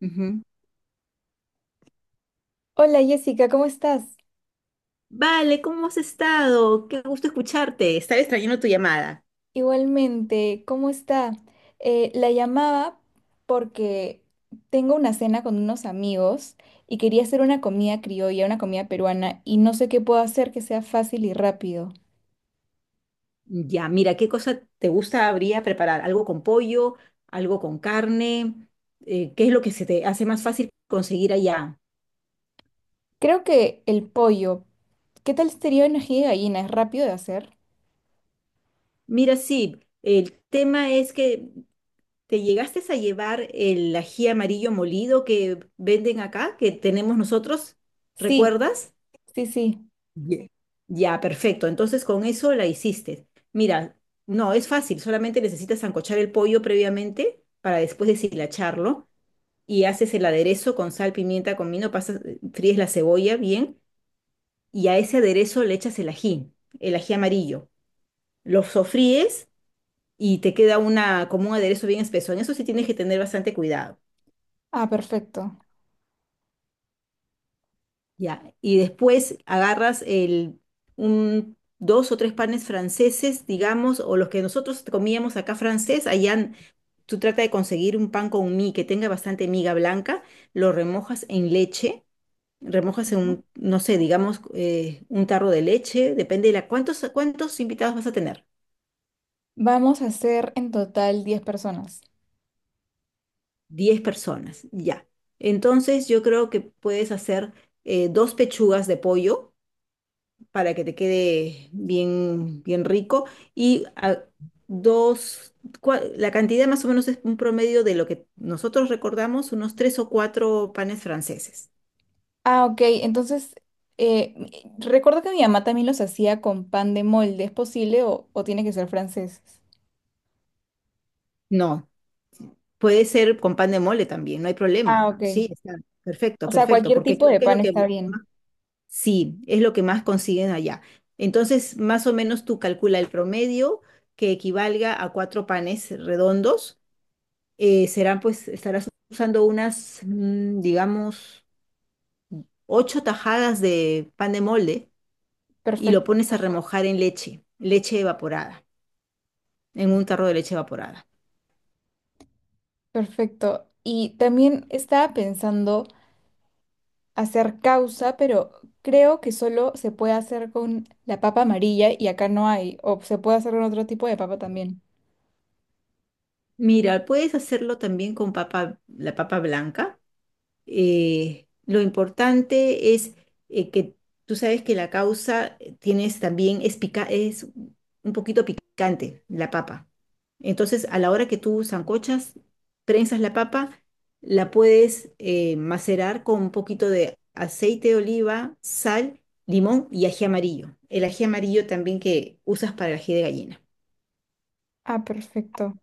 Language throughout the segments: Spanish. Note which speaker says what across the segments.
Speaker 1: Ujú.
Speaker 2: Hola Jessica, ¿cómo estás?
Speaker 1: Vale, ¿cómo has estado? Qué gusto escucharte. Estaba extrañando tu llamada.
Speaker 2: Igualmente, ¿cómo está? La llamaba porque tengo una cena con unos amigos y quería hacer una comida criolla, una comida peruana, y no sé qué puedo hacer que sea fácil y rápido.
Speaker 1: Ya, mira, ¿qué cosa te gusta habría preparar? ¿Algo con pollo? ¿Algo con carne? ¿Qué es lo que se te hace más fácil conseguir allá?
Speaker 2: Creo que el pollo, ¿qué tal sería una ají de gallina? ¿Es rápido de hacer?
Speaker 1: Mira, sí, el tema es que te llegaste a llevar el ají amarillo molido que venden acá, que tenemos nosotros,
Speaker 2: Sí,
Speaker 1: ¿recuerdas?
Speaker 2: sí, sí.
Speaker 1: Ye- Ya, perfecto. Entonces con eso la hiciste. Mira, no, es fácil, solamente necesitas ancochar el pollo previamente para después deshilacharlo y haces el aderezo con sal, pimienta, comino, pasas, fríes la cebolla bien y a ese aderezo le echas el ají amarillo. Lo sofríes y te queda una, como un aderezo bien espeso. En eso sí tienes que tener bastante cuidado.
Speaker 2: Ah, perfecto.
Speaker 1: Ya, y después agarras un, 2 o 3 panes franceses, digamos, o los que nosotros comíamos acá francés, tú trata de conseguir un pan con mí que tenga bastante miga blanca, lo remojas en leche, remojas en
Speaker 2: Ujú.
Speaker 1: un, no sé, digamos, un tarro de leche, depende de la, ¿cuántos, cuántos invitados vas a tener?
Speaker 2: Vamos a hacer en total 10 personas.
Speaker 1: 10 personas, ya. Entonces yo creo que puedes hacer 2 pechugas de pollo para que te quede bien, bien rico. Y a- dos, la cantidad más o menos es un promedio de lo que nosotros recordamos, unos 3 o 4 panes franceses.
Speaker 2: Ah, ok. Entonces, eh, m- recuerdo que mi mamá también los hacía con pan de molde. ¿Es posible o, tiene que ser franceses?
Speaker 1: No, puede ser con pan de mole también, no hay
Speaker 2: Ah,
Speaker 1: problema.
Speaker 2: ok.
Speaker 1: Sí, está perfecto,
Speaker 2: O sea,
Speaker 1: perfecto,
Speaker 2: cualquier
Speaker 1: porque
Speaker 2: tipo
Speaker 1: creo
Speaker 2: de
Speaker 1: que es lo
Speaker 2: pan
Speaker 1: que
Speaker 2: está bien.
Speaker 1: más, sí, es lo que más consiguen allá. Entonces, más o menos tú calcula el promedio que equivalga a 4 panes redondos. Serán pues, estarás usando unas, digamos, 8 tajadas de pan de molde y lo
Speaker 2: Perfecto,
Speaker 1: pones a remojar en leche, leche evaporada, en un tarro de leche evaporada.
Speaker 2: perfecto. Y también estaba pensando hacer causa, pero creo que solo se puede hacer con la papa amarilla y acá no hay. O se puede hacer con otro tipo de papa también.
Speaker 1: Mira, puedes hacerlo también con papa, la papa blanca. Lo importante es que tú sabes que la causa tienes también es un poquito picante, la papa. Entonces, a la hora que tú sancochas, prensas la papa, la puedes macerar con un poquito de aceite de oliva, sal, limón y ají amarillo. El ají amarillo también que usas para el ají de gallina.
Speaker 2: Ah, perfecto.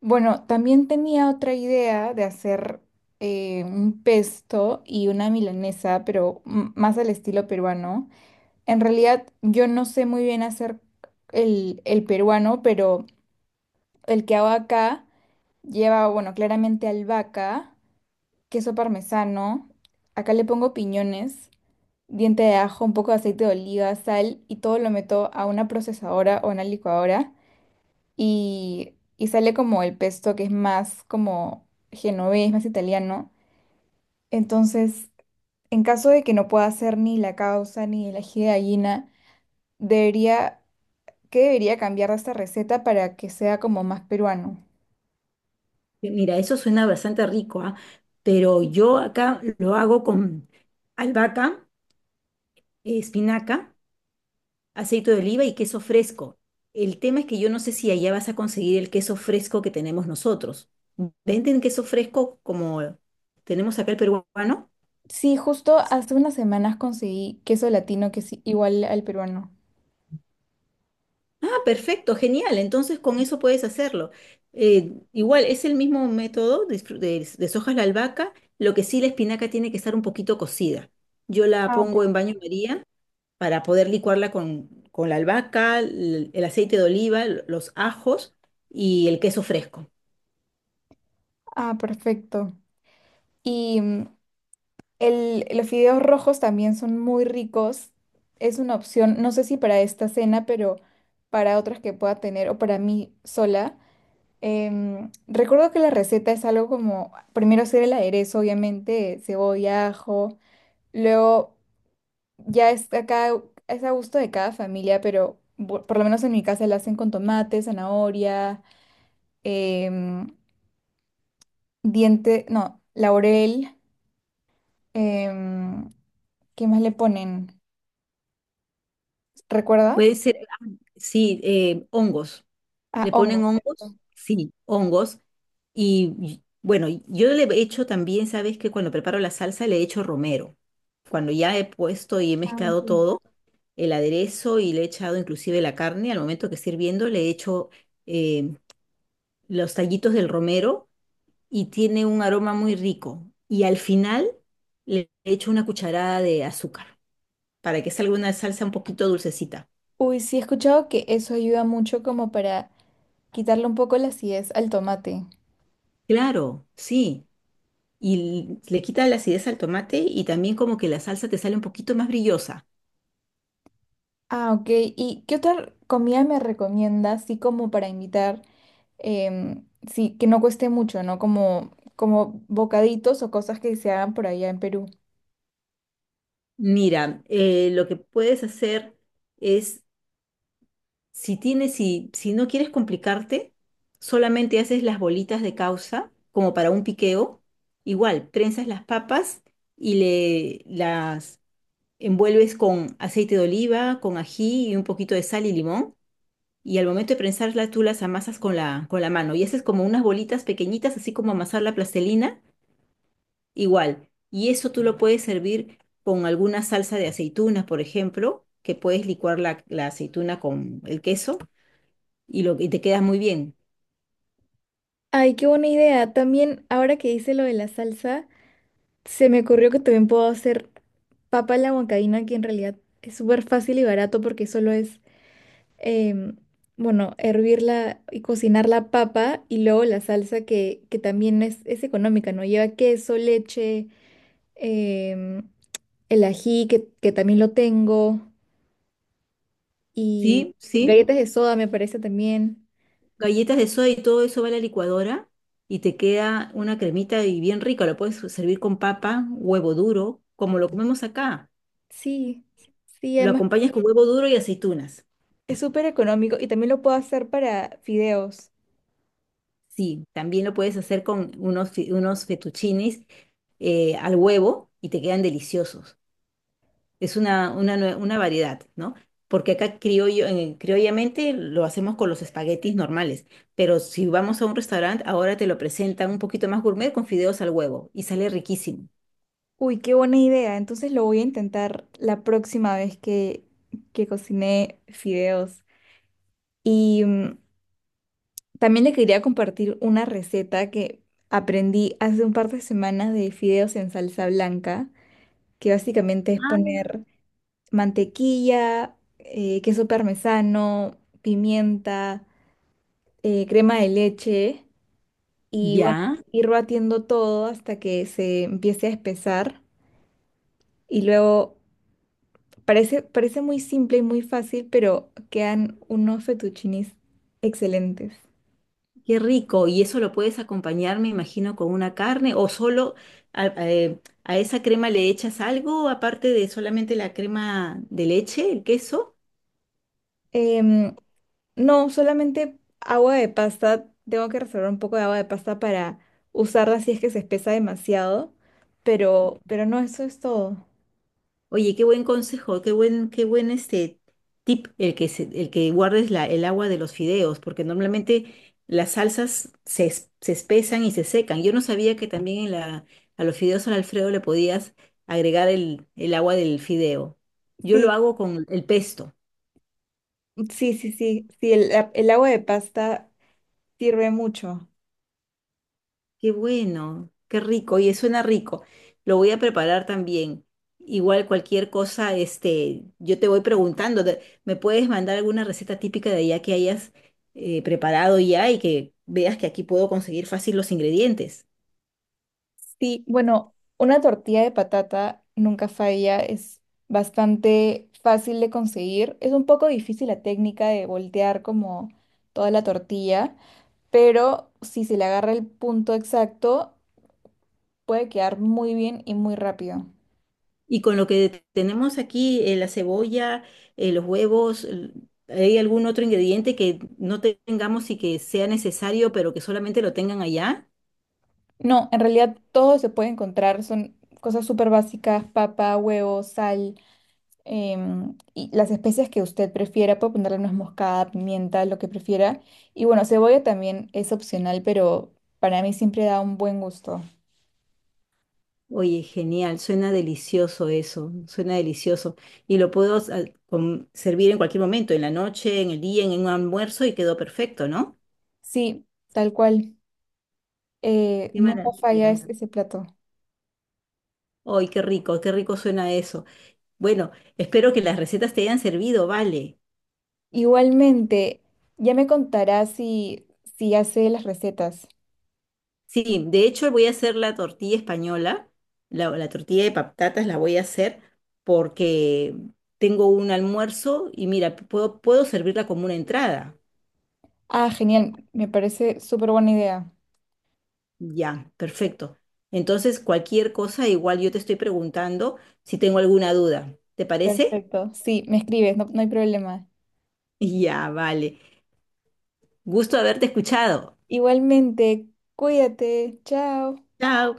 Speaker 2: Bueno, también tenía otra idea de hacer un pesto y una milanesa, pero m- más al estilo peruano. En realidad, yo no sé muy bien hacer el peruano, pero el que hago acá lleva, bueno, claramente albahaca, queso parmesano. Acá le pongo piñones, diente de ajo, un poco de aceite de oliva, sal y todo lo meto a una procesadora o una licuadora y sale como el pesto que es más como genovés, más italiano. Entonces, en caso de que no pueda hacer ni la causa ni el ají de gallina, debería, ¿qué debería cambiar de esta receta para que sea como más peruano?
Speaker 1: Mira, eso suena bastante rico, ¿ah? Pero yo acá lo hago con albahaca. Espinaca, aceite de oliva y queso fresco. El tema es que yo no sé si allá vas a conseguir el queso fresco que tenemos nosotros. ¿Venden queso fresco como tenemos acá el peruano?
Speaker 2: Sí, justo hace unas semanas conseguí queso latino que es igual al peruano.
Speaker 1: Ah, perfecto, genial. Entonces con eso puedes hacerlo. Igual es el mismo método, deshojas la albahaca, lo que sí la espinaca tiene que estar un poquito cocida. Yo la
Speaker 2: Ah, per-
Speaker 1: pongo en baño María para poder licuarla con la albahaca, el aceite de oliva, los ajos y el queso fresco.
Speaker 2: ah, perfecto. Y el, los fideos rojos también son muy ricos. Es una opción, no sé si para esta cena, pero para otras que pueda tener o para mí sola. Recuerdo que la receta es algo como, primero hacer el aderezo, obviamente, cebolla, ajo. Luego ya es a gusto de cada familia, pero por lo menos en mi casa la hacen con tomate, zanahoria, em, diente, no, laurel. em, ¿Qué más le ponen? ¿Recuerda?
Speaker 1: Puede ser, sí, hongos.
Speaker 2: Ah,
Speaker 1: Le ponen
Speaker 2: hongos.
Speaker 1: hongos,
Speaker 2: ¿Cierto?
Speaker 1: sí, hongos. Bueno, y yo le he hecho también, sabes que cuando preparo la salsa le he hecho romero. Cuando ya he puesto y he
Speaker 2: Ah, ok.
Speaker 1: mezclado todo, el aderezo y le he echado inclusive la carne, al momento que esté hirviendo le he hecho eh, los tallitos del romero y tiene un aroma muy rico. Y al final le he hecho una cucharada de azúcar para que salga una salsa un poquito dulcecita.
Speaker 2: Uy, sí he escuchado que eso ayuda mucho como para quitarle un poco la acidez al tomate.
Speaker 1: Claro, sí. Y le quita la acidez al tomate y también como que la salsa te sale un poquito más brillosa.
Speaker 2: Ah, ok. ¿Y qué otra comida me recomiendas, así como para invitar, em, sí, que no cueste mucho, ¿no? Como, como bocaditos o cosas que se hagan por allá en Perú.
Speaker 1: Mira, lo que puedes hacer es, si tienes, si, si no quieres complicarte, solamente haces las bolitas de causa como para un piqueo. Igual, prensas las papas y le las envuelves con aceite de oliva, con ají y un poquito de sal y limón. Y al momento de prensarlas, tú las amasas con la mano. Y haces como unas bolitas pequeñitas, así como amasar la plastelina. Igual. Y eso tú lo puedes servir con alguna salsa de aceitunas, por ejemplo, que puedes licuar la, la aceituna con el queso y, lo, y te queda muy bien.
Speaker 2: Ay, qué buena idea. También, ahora que hice lo de la salsa, se me ocurrió que también puedo hacer papa a la huancaína, que en realidad es súper fácil y barato porque solo es em, bueno, hervir la y cocinar la papa y luego la salsa que, también es económica, ¿no? Lleva queso, leche, em, el ají, que, también lo tengo, y
Speaker 1: Sí, sí.
Speaker 2: galletas de soda me parece también.
Speaker 1: Galletas de soda y todo eso va a la licuadora y te queda una cremita y bien rica. Lo puedes servir con papa, huevo duro, como lo comemos acá.
Speaker 2: Sí, sí,
Speaker 1: Lo
Speaker 2: además
Speaker 1: acompañas con huevo duro y aceitunas.
Speaker 2: es súper económico y también lo puedo hacer para fideos.
Speaker 1: Sí, también lo puedes hacer con unos, unos fettuccines al huevo y te quedan deliciosos. Es una, una variedad, ¿no? Porque acá criollo, criollamente lo hacemos con los espaguetis normales, pero si vamos a un restaurante, ahora te lo presentan un poquito más gourmet con fideos al huevo y sale riquísimo.
Speaker 2: Uy, qué buena idea. Entonces lo voy a intentar la próxima vez que cocine fideos. Y también le quería compartir una receta que aprendí hace un par de semanas de fideos en salsa blanca, que básicamente es poner mantequilla, queso parmesano, pimienta, crema de leche y bueno,
Speaker 1: Ya,
Speaker 2: ir batiendo todo hasta que se empiece a espesar y luego parece, parece muy simple y muy fácil, pero quedan unos fettuccinis excelentes.
Speaker 1: qué rico. Y eso lo puedes acompañar, me imagino, con una carne o solo a esa crema le echas algo aparte de solamente la crema de leche, el queso.
Speaker 2: Em, No, solamente agua de pasta. Tengo que reservar un poco de agua de pasta para usarla si es que se espesa demasiado. Pero no, eso es todo.
Speaker 1: Oye, qué buen consejo, qué buen este tip el que el que guardes la, el agua de los fideos, porque normalmente las salsas se espesan y se secan. Yo no sabía que también en la, a los fideos al Alfredo le podías agregar el agua del fideo. Yo lo
Speaker 2: Sí,
Speaker 1: hago con el pesto.
Speaker 2: Sí, el agua de pasta sirve mucho.
Speaker 1: Qué bueno, qué rico, y suena rico. Lo voy a preparar también. Igual cualquier cosa, este, yo te voy preguntando, ¿me puedes mandar alguna receta típica de allá que hayas preparado ya y que veas que aquí puedo conseguir fácil los ingredientes?
Speaker 2: Sí, bueno, una tortilla de patata nunca falla. Es bastante fácil de conseguir. Es un poco difícil la técnica de voltear como toda la tortilla. Pero si se le agarra el punto exacto, puede quedar muy bien y muy rápido.
Speaker 1: Y con lo que tenemos aquí, la cebolla, los huevos, ¿hay algún otro ingrediente que no tengamos y que sea necesario, pero que solamente lo tengan allá?
Speaker 2: No, en realidad todo se puede encontrar, son cosas súper básicas, papa, huevo, sal, y las especias que usted prefiera, puede ponerle nuez moscada, pimienta, lo que prefiera. Y bueno, cebolla también es opcional, pero para mí siempre da un buen gusto.
Speaker 1: Oye, genial, suena delicioso eso, suena delicioso. Y lo puedo servir en cualquier momento, en la noche, en el día, en un almuerzo y quedó perfecto, ¿no?
Speaker 2: Sí, tal cual,
Speaker 1: Qué
Speaker 2: nunca falla
Speaker 1: maravilla.
Speaker 2: ese plato.
Speaker 1: Ay, qué rico suena eso. Bueno, espero que las recetas te hayan servido, vale.
Speaker 2: Igualmente, ya me contará si, si hace las recetas.
Speaker 1: Sí, de hecho voy a hacer la tortilla española, la tortilla de patatas la voy a hacer porque tengo un almuerzo y mira, puedo, puedo servirla como una entrada.
Speaker 2: Ah, genial, me parece súper buena idea.
Speaker 1: Ya, perfecto. Entonces, cualquier cosa, igual yo te estoy preguntando si tengo alguna duda. ¿Te parece?
Speaker 2: Perfecto. Sí, me escribes, no, no hay problema.
Speaker 1: Ya, vale. Gusto haberte escuchado.
Speaker 2: Igualmente, cuídate. Chao.
Speaker 1: Chao.